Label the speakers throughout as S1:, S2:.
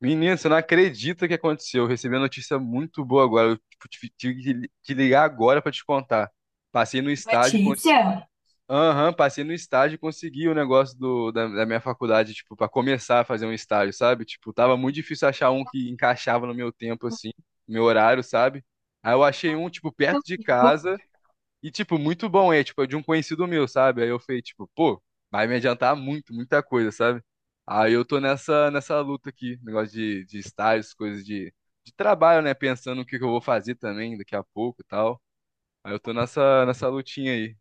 S1: Menino, você não acredita o que aconteceu. Eu recebi uma notícia muito boa agora. Eu tipo, tive que te ligar agora pra te contar. Passei no estágio,
S2: Letícia?
S1: aham, passei no estágio e consegui o negócio da minha faculdade, tipo, para começar a fazer um estágio, sabe? Tipo, tava muito difícil achar um que encaixava no meu tempo, assim, no meu horário, sabe? Aí eu achei um, tipo, perto de
S2: Muito bom.
S1: casa. E, tipo, muito bom, é, tipo, é de um conhecido meu, sabe? Aí eu falei, tipo, pô, vai me adiantar muito, muita coisa, sabe? Aí eu tô nessa luta aqui, negócio de estágios, coisas de trabalho, né? Pensando o que que eu vou fazer também daqui a pouco e tal. Aí eu tô nessa lutinha aí.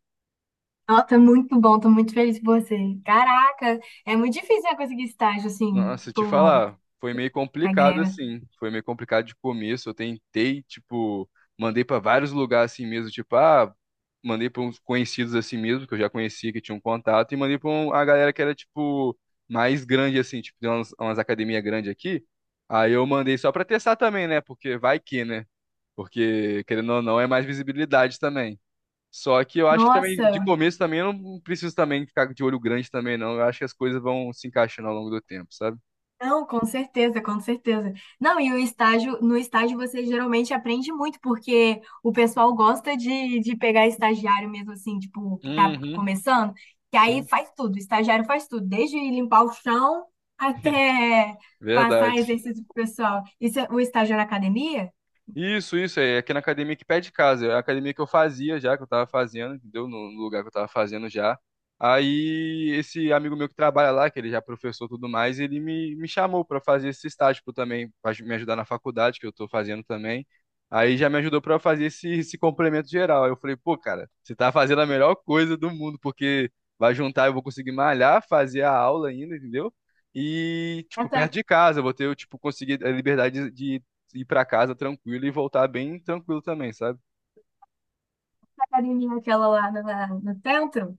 S2: Nossa, muito bom, tô muito feliz por você. Caraca, é muito difícil né, conseguir estágio assim,
S1: Nossa,
S2: tipo,
S1: te falar, foi meio
S2: na
S1: complicado
S2: grega.
S1: assim. Foi meio complicado de começo. Eu tentei, tipo, mandei pra vários lugares assim mesmo, tipo, ah, mandei pra uns conhecidos assim mesmo, que eu já conhecia, que tinha um contato, e mandei a galera que era tipo mais grande assim, tipo, tem umas academias grandes aqui. Aí eu mandei só pra testar também, né? Porque vai que, né? Porque querendo ou não é mais visibilidade também. Só que eu acho que também de
S2: Nossa,
S1: começo também eu não preciso também ficar de olho grande também não. Eu acho que as coisas vão se encaixando ao longo do tempo, sabe?
S2: não, com certeza, com certeza. Não, e o estágio, no estágio você geralmente aprende muito, porque o pessoal gosta de pegar estagiário mesmo assim, tipo, que tá
S1: Uhum,
S2: começando, que aí
S1: sim,
S2: faz tudo, o estagiário faz tudo, desde limpar o chão até passar
S1: verdade.
S2: exercício pro pessoal. Isso é o estágio na academia?
S1: Isso, é aqui na academia que pé de casa, é a academia que eu fazia já, que eu tava fazendo, entendeu? No lugar que eu tava fazendo já. Aí esse amigo meu que trabalha lá, que ele já é professor e tudo mais, ele me chamou pra fazer esse estágio tipo, também, pra me ajudar na faculdade, que eu tô fazendo também. Aí já me ajudou pra eu fazer esse complemento geral. Aí eu falei, pô, cara, você tá fazendo a melhor coisa do mundo, porque vai juntar, eu vou conseguir malhar, fazer a aula ainda, entendeu? E, tipo, perto de casa, eu vou ter, eu, tipo, conseguir a liberdade de ir pra casa tranquilo e voltar bem tranquilo também, sabe?
S2: Academia aquela lá no, no centro?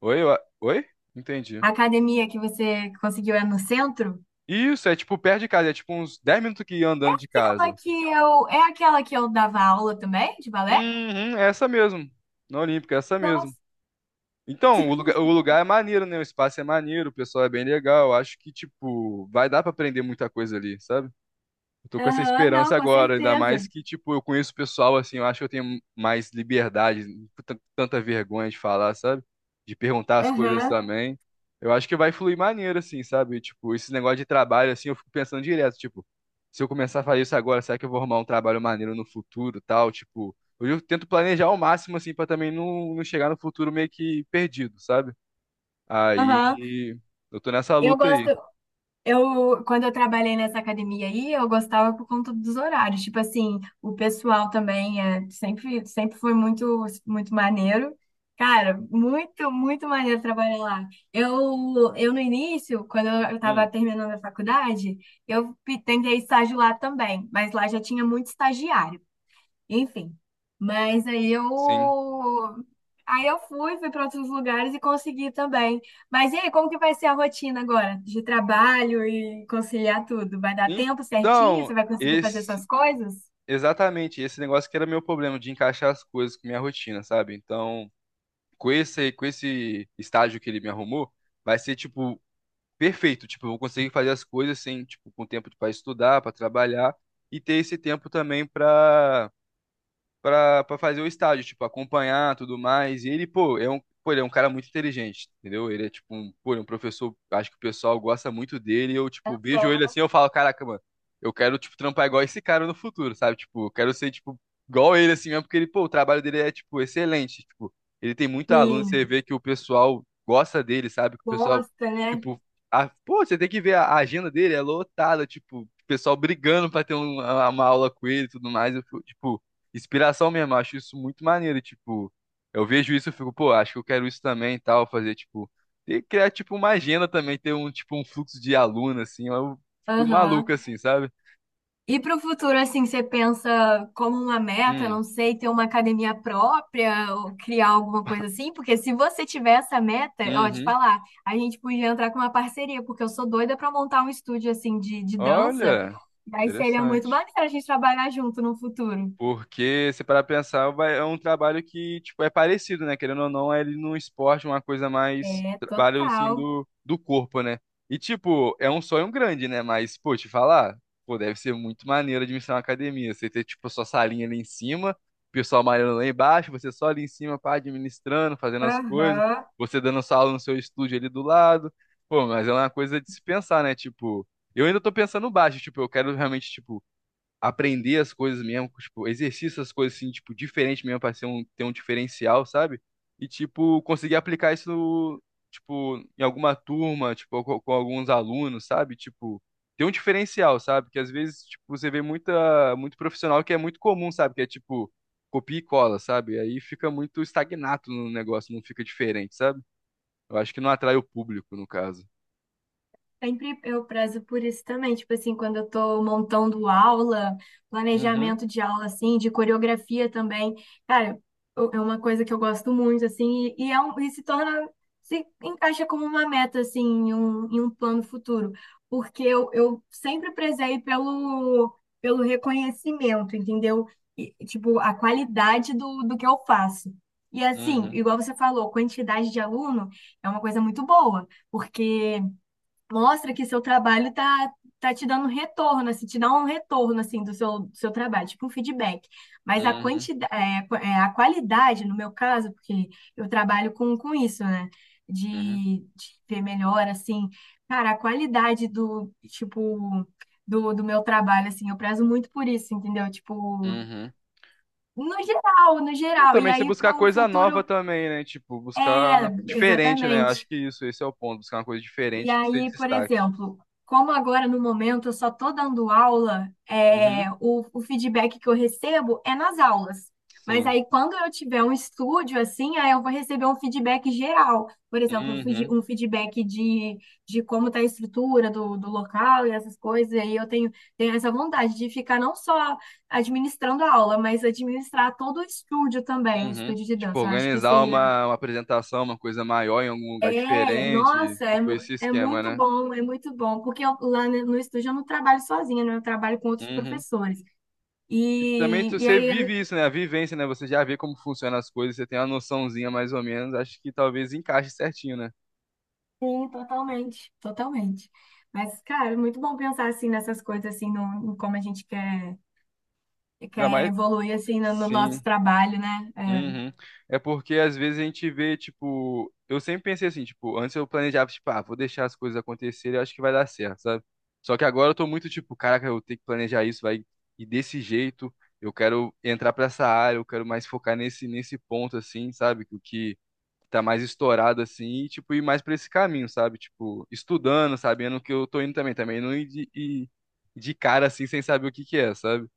S1: Oi? Oi? Entendi.
S2: A academia que você conseguiu é no centro?
S1: Isso, é tipo perto de casa, é tipo uns 10 minutos que ia andando de
S2: Aquela
S1: casa.
S2: que eu. É aquela que eu dava aula também, de balé?
S1: Uhum, é essa mesmo. Na Olímpica, é essa mesmo.
S2: Nossa.
S1: Então, o lugar é maneiro, né? O espaço é maneiro, o pessoal é bem legal. Acho que, tipo, vai dar pra aprender muita coisa ali, sabe? Eu tô com essa
S2: Aham, não,
S1: esperança
S2: com
S1: agora, ainda
S2: certeza.
S1: mais que, tipo, eu conheço o pessoal, assim, eu acho que eu tenho mais liberdade, não tenho tanta vergonha de falar, sabe? De perguntar as coisas
S2: Aham,
S1: também. Eu acho que vai fluir maneiro, assim, sabe? Tipo, esse negócio de trabalho, assim, eu fico pensando direto, tipo, se eu começar a fazer isso agora, será que eu vou arrumar um trabalho maneiro no futuro, e tal? Tipo, eu tento planejar ao máximo, assim, pra também não, não chegar no futuro meio que perdido, sabe?
S2: aham.
S1: Aí, eu tô nessa
S2: Eu
S1: luta
S2: gosto.
S1: aí.
S2: Eu, quando eu trabalhei nessa academia aí, eu gostava por conta dos horários. Tipo assim, o pessoal também é, sempre, sempre foi muito, muito maneiro. Cara, muito, muito maneiro trabalhar lá. Eu no início, quando eu estava
S1: Hum,
S2: terminando a faculdade, tentei estágio lá também, mas lá já tinha muito estagiário. Enfim. Mas aí eu.
S1: sim.
S2: Aí eu fui, fui para outros lugares e consegui também. Mas e aí, como que vai ser a rotina agora de trabalho e conciliar tudo? Vai dar tempo certinho? Você
S1: Então,
S2: vai conseguir fazer
S1: esse.
S2: suas coisas?
S1: Exatamente, esse negócio que era meu problema de encaixar as coisas com minha rotina, sabe? Então, com esse estágio que ele me arrumou, vai ser tipo perfeito, tipo, eu vou conseguir fazer as coisas sem, tipo, com tempo para estudar, para trabalhar e ter esse tempo também para pra fazer o estágio, tipo, acompanhar tudo mais. E ele, pô, é um, pô, ele é um cara muito inteligente, entendeu? Ele é tipo um, pô, ele é um professor, acho que o pessoal gosta muito dele. Eu, tipo, vejo ele assim, eu falo, caraca, mano, eu quero, tipo, trampar igual esse cara no futuro, sabe? Tipo, eu quero ser, tipo, igual ele assim mesmo, porque ele, pô, o trabalho dele é, tipo, excelente. Tipo, ele tem muito aluno, você
S2: Sim,
S1: vê que o pessoal gosta dele, sabe? Que o pessoal,
S2: gosta, né?
S1: tipo, a, pô, você tem que ver a agenda dele, é lotada, tipo, o pessoal brigando pra ter uma aula com ele e tudo mais. Eu, fico, tipo, inspiração mesmo. Eu acho isso muito maneiro. Tipo, eu vejo isso e fico, pô, acho que eu quero isso também e tal. Fazer, tipo, e criar, tipo, uma agenda também, ter um, tipo, um fluxo de aluno, assim. Eu fico
S2: Aham.
S1: maluco, assim, sabe?
S2: E para o futuro, assim, você pensa como uma meta,
S1: Hum,
S2: não sei, ter uma academia própria ou criar alguma coisa assim? Porque se você tiver essa meta, ó, te
S1: uhum.
S2: falar, a gente podia entrar com uma parceria, porque eu sou doida para montar um estúdio, assim, de dança.
S1: Olha,
S2: Daí seria muito
S1: interessante.
S2: maneiro a gente trabalhar junto no futuro.
S1: Porque, se parar pra pensar, é um trabalho que, tipo, é parecido, né? Querendo ou não, é ele no esporte uma coisa mais
S2: É,
S1: trabalho, assim,
S2: total.
S1: do, do corpo, né? E, tipo, é um sonho grande, né? Mas, pô, te falar, pô, deve ser muito maneiro administrar uma academia. Você ter, tipo, a sua salinha ali em cima, o pessoal malhando lá embaixo, você só ali em cima, pá, administrando, fazendo as coisas,
S2: Aham.
S1: você dando sua aula no seu estúdio ali do lado. Pô, mas é uma coisa de se pensar, né? Tipo, eu ainda tô pensando baixo, tipo, eu quero realmente, tipo, aprender as coisas mesmo, tipo, exercício as coisas assim, tipo, diferente mesmo pra ser um, ter um diferencial, sabe? E, tipo, conseguir aplicar isso, no, tipo, em alguma turma, tipo, com alguns alunos, sabe? Tipo, ter um diferencial, sabe? Que às vezes, tipo, você vê muita, muito profissional que é muito comum, sabe? Que é, tipo, copia e cola, sabe? Aí fica muito estagnado no negócio, não fica diferente, sabe? Eu acho que não atrai o público, no caso.
S2: Sempre eu prezo por isso também, tipo assim, quando eu tô montando aula,
S1: Uhum,
S2: planejamento de aula, assim, de coreografia também, cara, é uma coisa que eu gosto muito, assim, e é um, e se torna, se encaixa como uma meta, assim, em um plano futuro, porque eu sempre prezei pelo, pelo reconhecimento, entendeu? E, tipo, a qualidade do, do que eu faço. E assim,
S1: uhum,
S2: igual você falou, quantidade de aluno é uma coisa muito boa, porque mostra que seu trabalho tá, tá te dando retorno, assim, te dá um retorno assim do seu trabalho, tipo um feedback. Mas a
S1: uhum,
S2: quantidade, a qualidade, no meu caso, porque eu trabalho com isso, né?
S1: uhum,
S2: De ver melhor, assim, cara, a qualidade do, tipo, do, do meu trabalho, assim, eu prezo muito por isso, entendeu? Tipo,
S1: uhum.
S2: no geral, no
S1: Não,
S2: geral. E
S1: também se
S2: aí, para
S1: buscar
S2: um
S1: coisa nova
S2: futuro,
S1: também, né? Tipo, buscar
S2: é,
S1: diferente, né? Eu acho
S2: exatamente.
S1: que isso, esse é o ponto. Buscar uma coisa
S2: E
S1: diferente que se
S2: aí, por
S1: destaque.
S2: exemplo, como agora no momento eu só estou dando aula,
S1: Uhum.
S2: é, o feedback que eu recebo é nas aulas. Mas
S1: Sim.
S2: aí, quando eu tiver um estúdio assim, aí eu vou receber um feedback geral. Por exemplo, um
S1: Uhum.
S2: um feedback de como está a estrutura do, do local e essas coisas. E aí eu tenho, tenho essa vontade de ficar não só administrando a aula, mas administrar todo o estúdio também, o
S1: Uhum.
S2: estúdio de
S1: Tipo,
S2: dança. Eu acho que
S1: organizar
S2: seria
S1: uma apresentação, uma coisa maior em algum lugar
S2: é,
S1: diferente.
S2: nossa, é,
S1: Tipo, esse esquema, né?
S2: é muito bom, porque no estúdio eu não trabalho sozinha, né? Eu trabalho com outros
S1: Uhum.
S2: professores.
S1: E também
S2: E, e
S1: você
S2: aí, eu-
S1: vive isso, né? A vivência, né? Você já vê como funcionam as coisas, você tem uma noçãozinha mais ou menos. Acho que talvez encaixe certinho, né?
S2: sim, totalmente, totalmente. Mas, cara, é muito bom pensar assim nessas coisas, assim, no, em como a gente quer,
S1: Ainda
S2: quer
S1: mais.
S2: evoluir, assim, no, no nosso
S1: Sim.
S2: trabalho, né? É,
S1: Uhum. É porque às vezes a gente vê, tipo, eu sempre pensei assim, tipo, antes eu planejava, tipo, ah, vou deixar as coisas acontecerem, eu acho que vai dar certo, sabe? Só que agora eu tô muito tipo, caraca, eu tenho que planejar isso, vai, e desse jeito, eu quero entrar pra essa área, eu quero mais focar nesse ponto assim, sabe? Que o que tá mais estourado assim, e tipo, ir mais pra esse caminho, sabe? Tipo, estudando, sabendo o que eu tô indo também, também não ir de, ir de cara assim sem saber o que que é, sabe?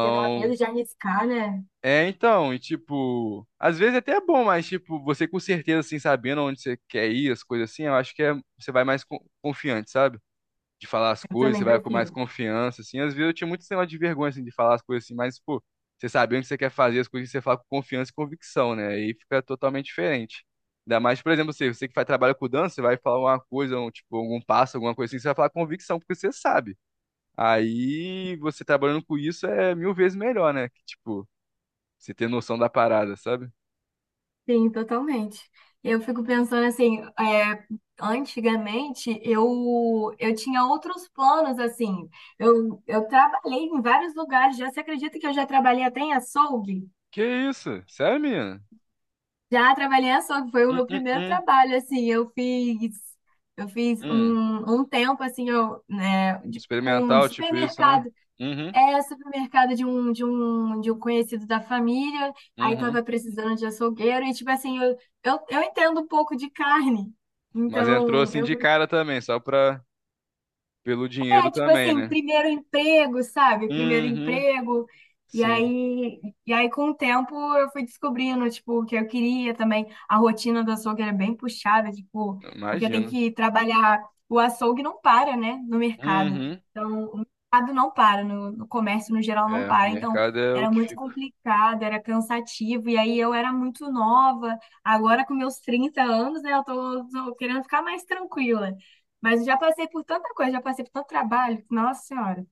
S2: porque dá medo de arriscar, né?
S1: é, então, e tipo, às vezes até é bom, mas tipo, você com certeza, assim, sabendo onde você quer ir, as coisas assim, eu acho que é, você vai mais confiante, sabe? De falar as
S2: Eu
S1: coisas, você
S2: também
S1: vai com mais
S2: prefiro.
S1: confiança, assim. Às vezes eu tinha muito esse negócio de vergonha, assim, de falar as coisas assim, mas, pô, você sabe onde você quer fazer as coisas, você fala com confiança e convicção, né? Aí fica totalmente diferente. Ainda mais, por exemplo, você, você que faz trabalho com dança, você vai falar uma coisa, um, tipo, algum passo, alguma coisa assim, você vai falar com convicção, porque você sabe. Aí você trabalhando com isso é mil vezes melhor, né? Que, tipo. Você ter noção da parada, sabe?
S2: Sim, totalmente. Eu fico pensando assim, é, antigamente eu tinha outros planos, assim. Eu trabalhei em vários lugares. Já se acredita que eu já trabalhei até em açougue?
S1: Que isso? Sério, menina?
S2: Já trabalhei em açougue, foi o
S1: Hum,
S2: meu
S1: hum,
S2: primeiro
S1: hum,
S2: trabalho, assim. Eu fiz
S1: hum.
S2: um, um tempo, assim, eu, né, um
S1: Experimental, tipo isso, né?
S2: supermercado.
S1: Uhum,
S2: É supermercado de um conhecido da família, aí
S1: uhum.
S2: tava precisando de açougueiro, e tipo assim, eu entendo um pouco de carne,
S1: Mas entrou
S2: então
S1: assim
S2: eu,
S1: de cara também, só pra... pelo dinheiro
S2: é, tipo
S1: também,
S2: assim,
S1: né?
S2: primeiro emprego, sabe? Primeiro
S1: Uhum,
S2: emprego. E
S1: sim.
S2: aí, e aí com o tempo, eu fui descobrindo, tipo, o que eu queria também. A rotina do açougue era bem puxada, tipo, porque tem
S1: Imagino.
S2: que trabalhar. O açougue não para, né? No mercado.
S1: Uhum.
S2: Então, o mercado não para, no, no comércio, no geral, não
S1: É,
S2: para. Então,
S1: mercado é o
S2: era
S1: que
S2: muito
S1: fica.
S2: complicado, era cansativo. E aí, eu era muito nova. Agora, com meus 30 anos, né? Eu tô, tô querendo ficar mais tranquila. Mas eu já passei por tanta coisa, já passei por tanto trabalho, nossa senhora.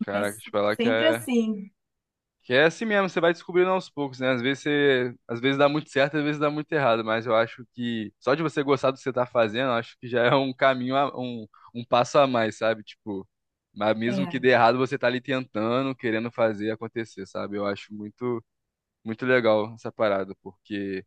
S1: Caraca,
S2: Mas
S1: te falar que
S2: sempre
S1: é.
S2: assim.
S1: Que é assim mesmo, você vai descobrindo aos poucos, né? Às vezes você, às vezes dá muito certo, às vezes dá muito errado, mas eu acho que só de você gostar do que você tá fazendo, eu acho que já é um caminho, um, um passo a mais, sabe? Tipo, mas mesmo que
S2: É.
S1: dê errado, você tá ali tentando, querendo fazer acontecer, sabe? Eu acho muito, muito legal essa parada, porque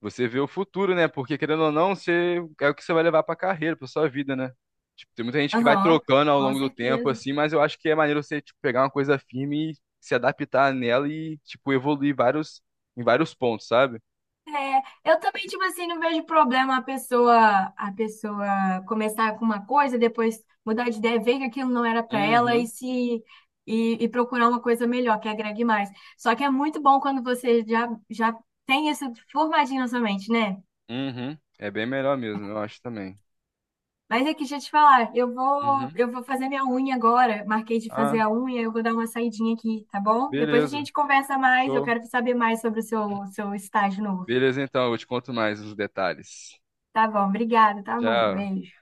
S1: você vê o futuro, né? Porque querendo ou não, você é o que você vai levar pra carreira, pra sua vida, né? Tipo, tem muita gente que vai
S2: Aham,
S1: trocando ao
S2: com
S1: longo do tempo,
S2: certeza.
S1: assim, mas eu acho que é maneiro você, tipo, pegar uma coisa firme e se adaptar nela e, tipo, evoluir vários, em vários pontos, sabe?
S2: É, eu também, tipo assim, não vejo problema a pessoa começar com uma coisa, depois mudar de ideia, ver que aquilo não era para ela e
S1: Uhum,
S2: se e, e procurar uma coisa melhor, que agregue mais. Só que é muito bom quando você já, já tem isso formadinho na sua mente, né?
S1: uhum. É bem melhor mesmo, eu acho também.
S2: Mas é que deixa eu te falar,
S1: Uhum.
S2: eu vou fazer minha unha agora. Marquei de fazer
S1: Ah,
S2: a unha, eu vou dar uma saidinha aqui, tá bom? Depois a
S1: beleza.
S2: gente conversa mais, eu
S1: Show.
S2: quero saber mais sobre o seu, seu estágio novo.
S1: Beleza, então, eu te conto mais os detalhes.
S2: Tá bom, obrigada, tá, amor?
S1: Tchau.
S2: Beijo.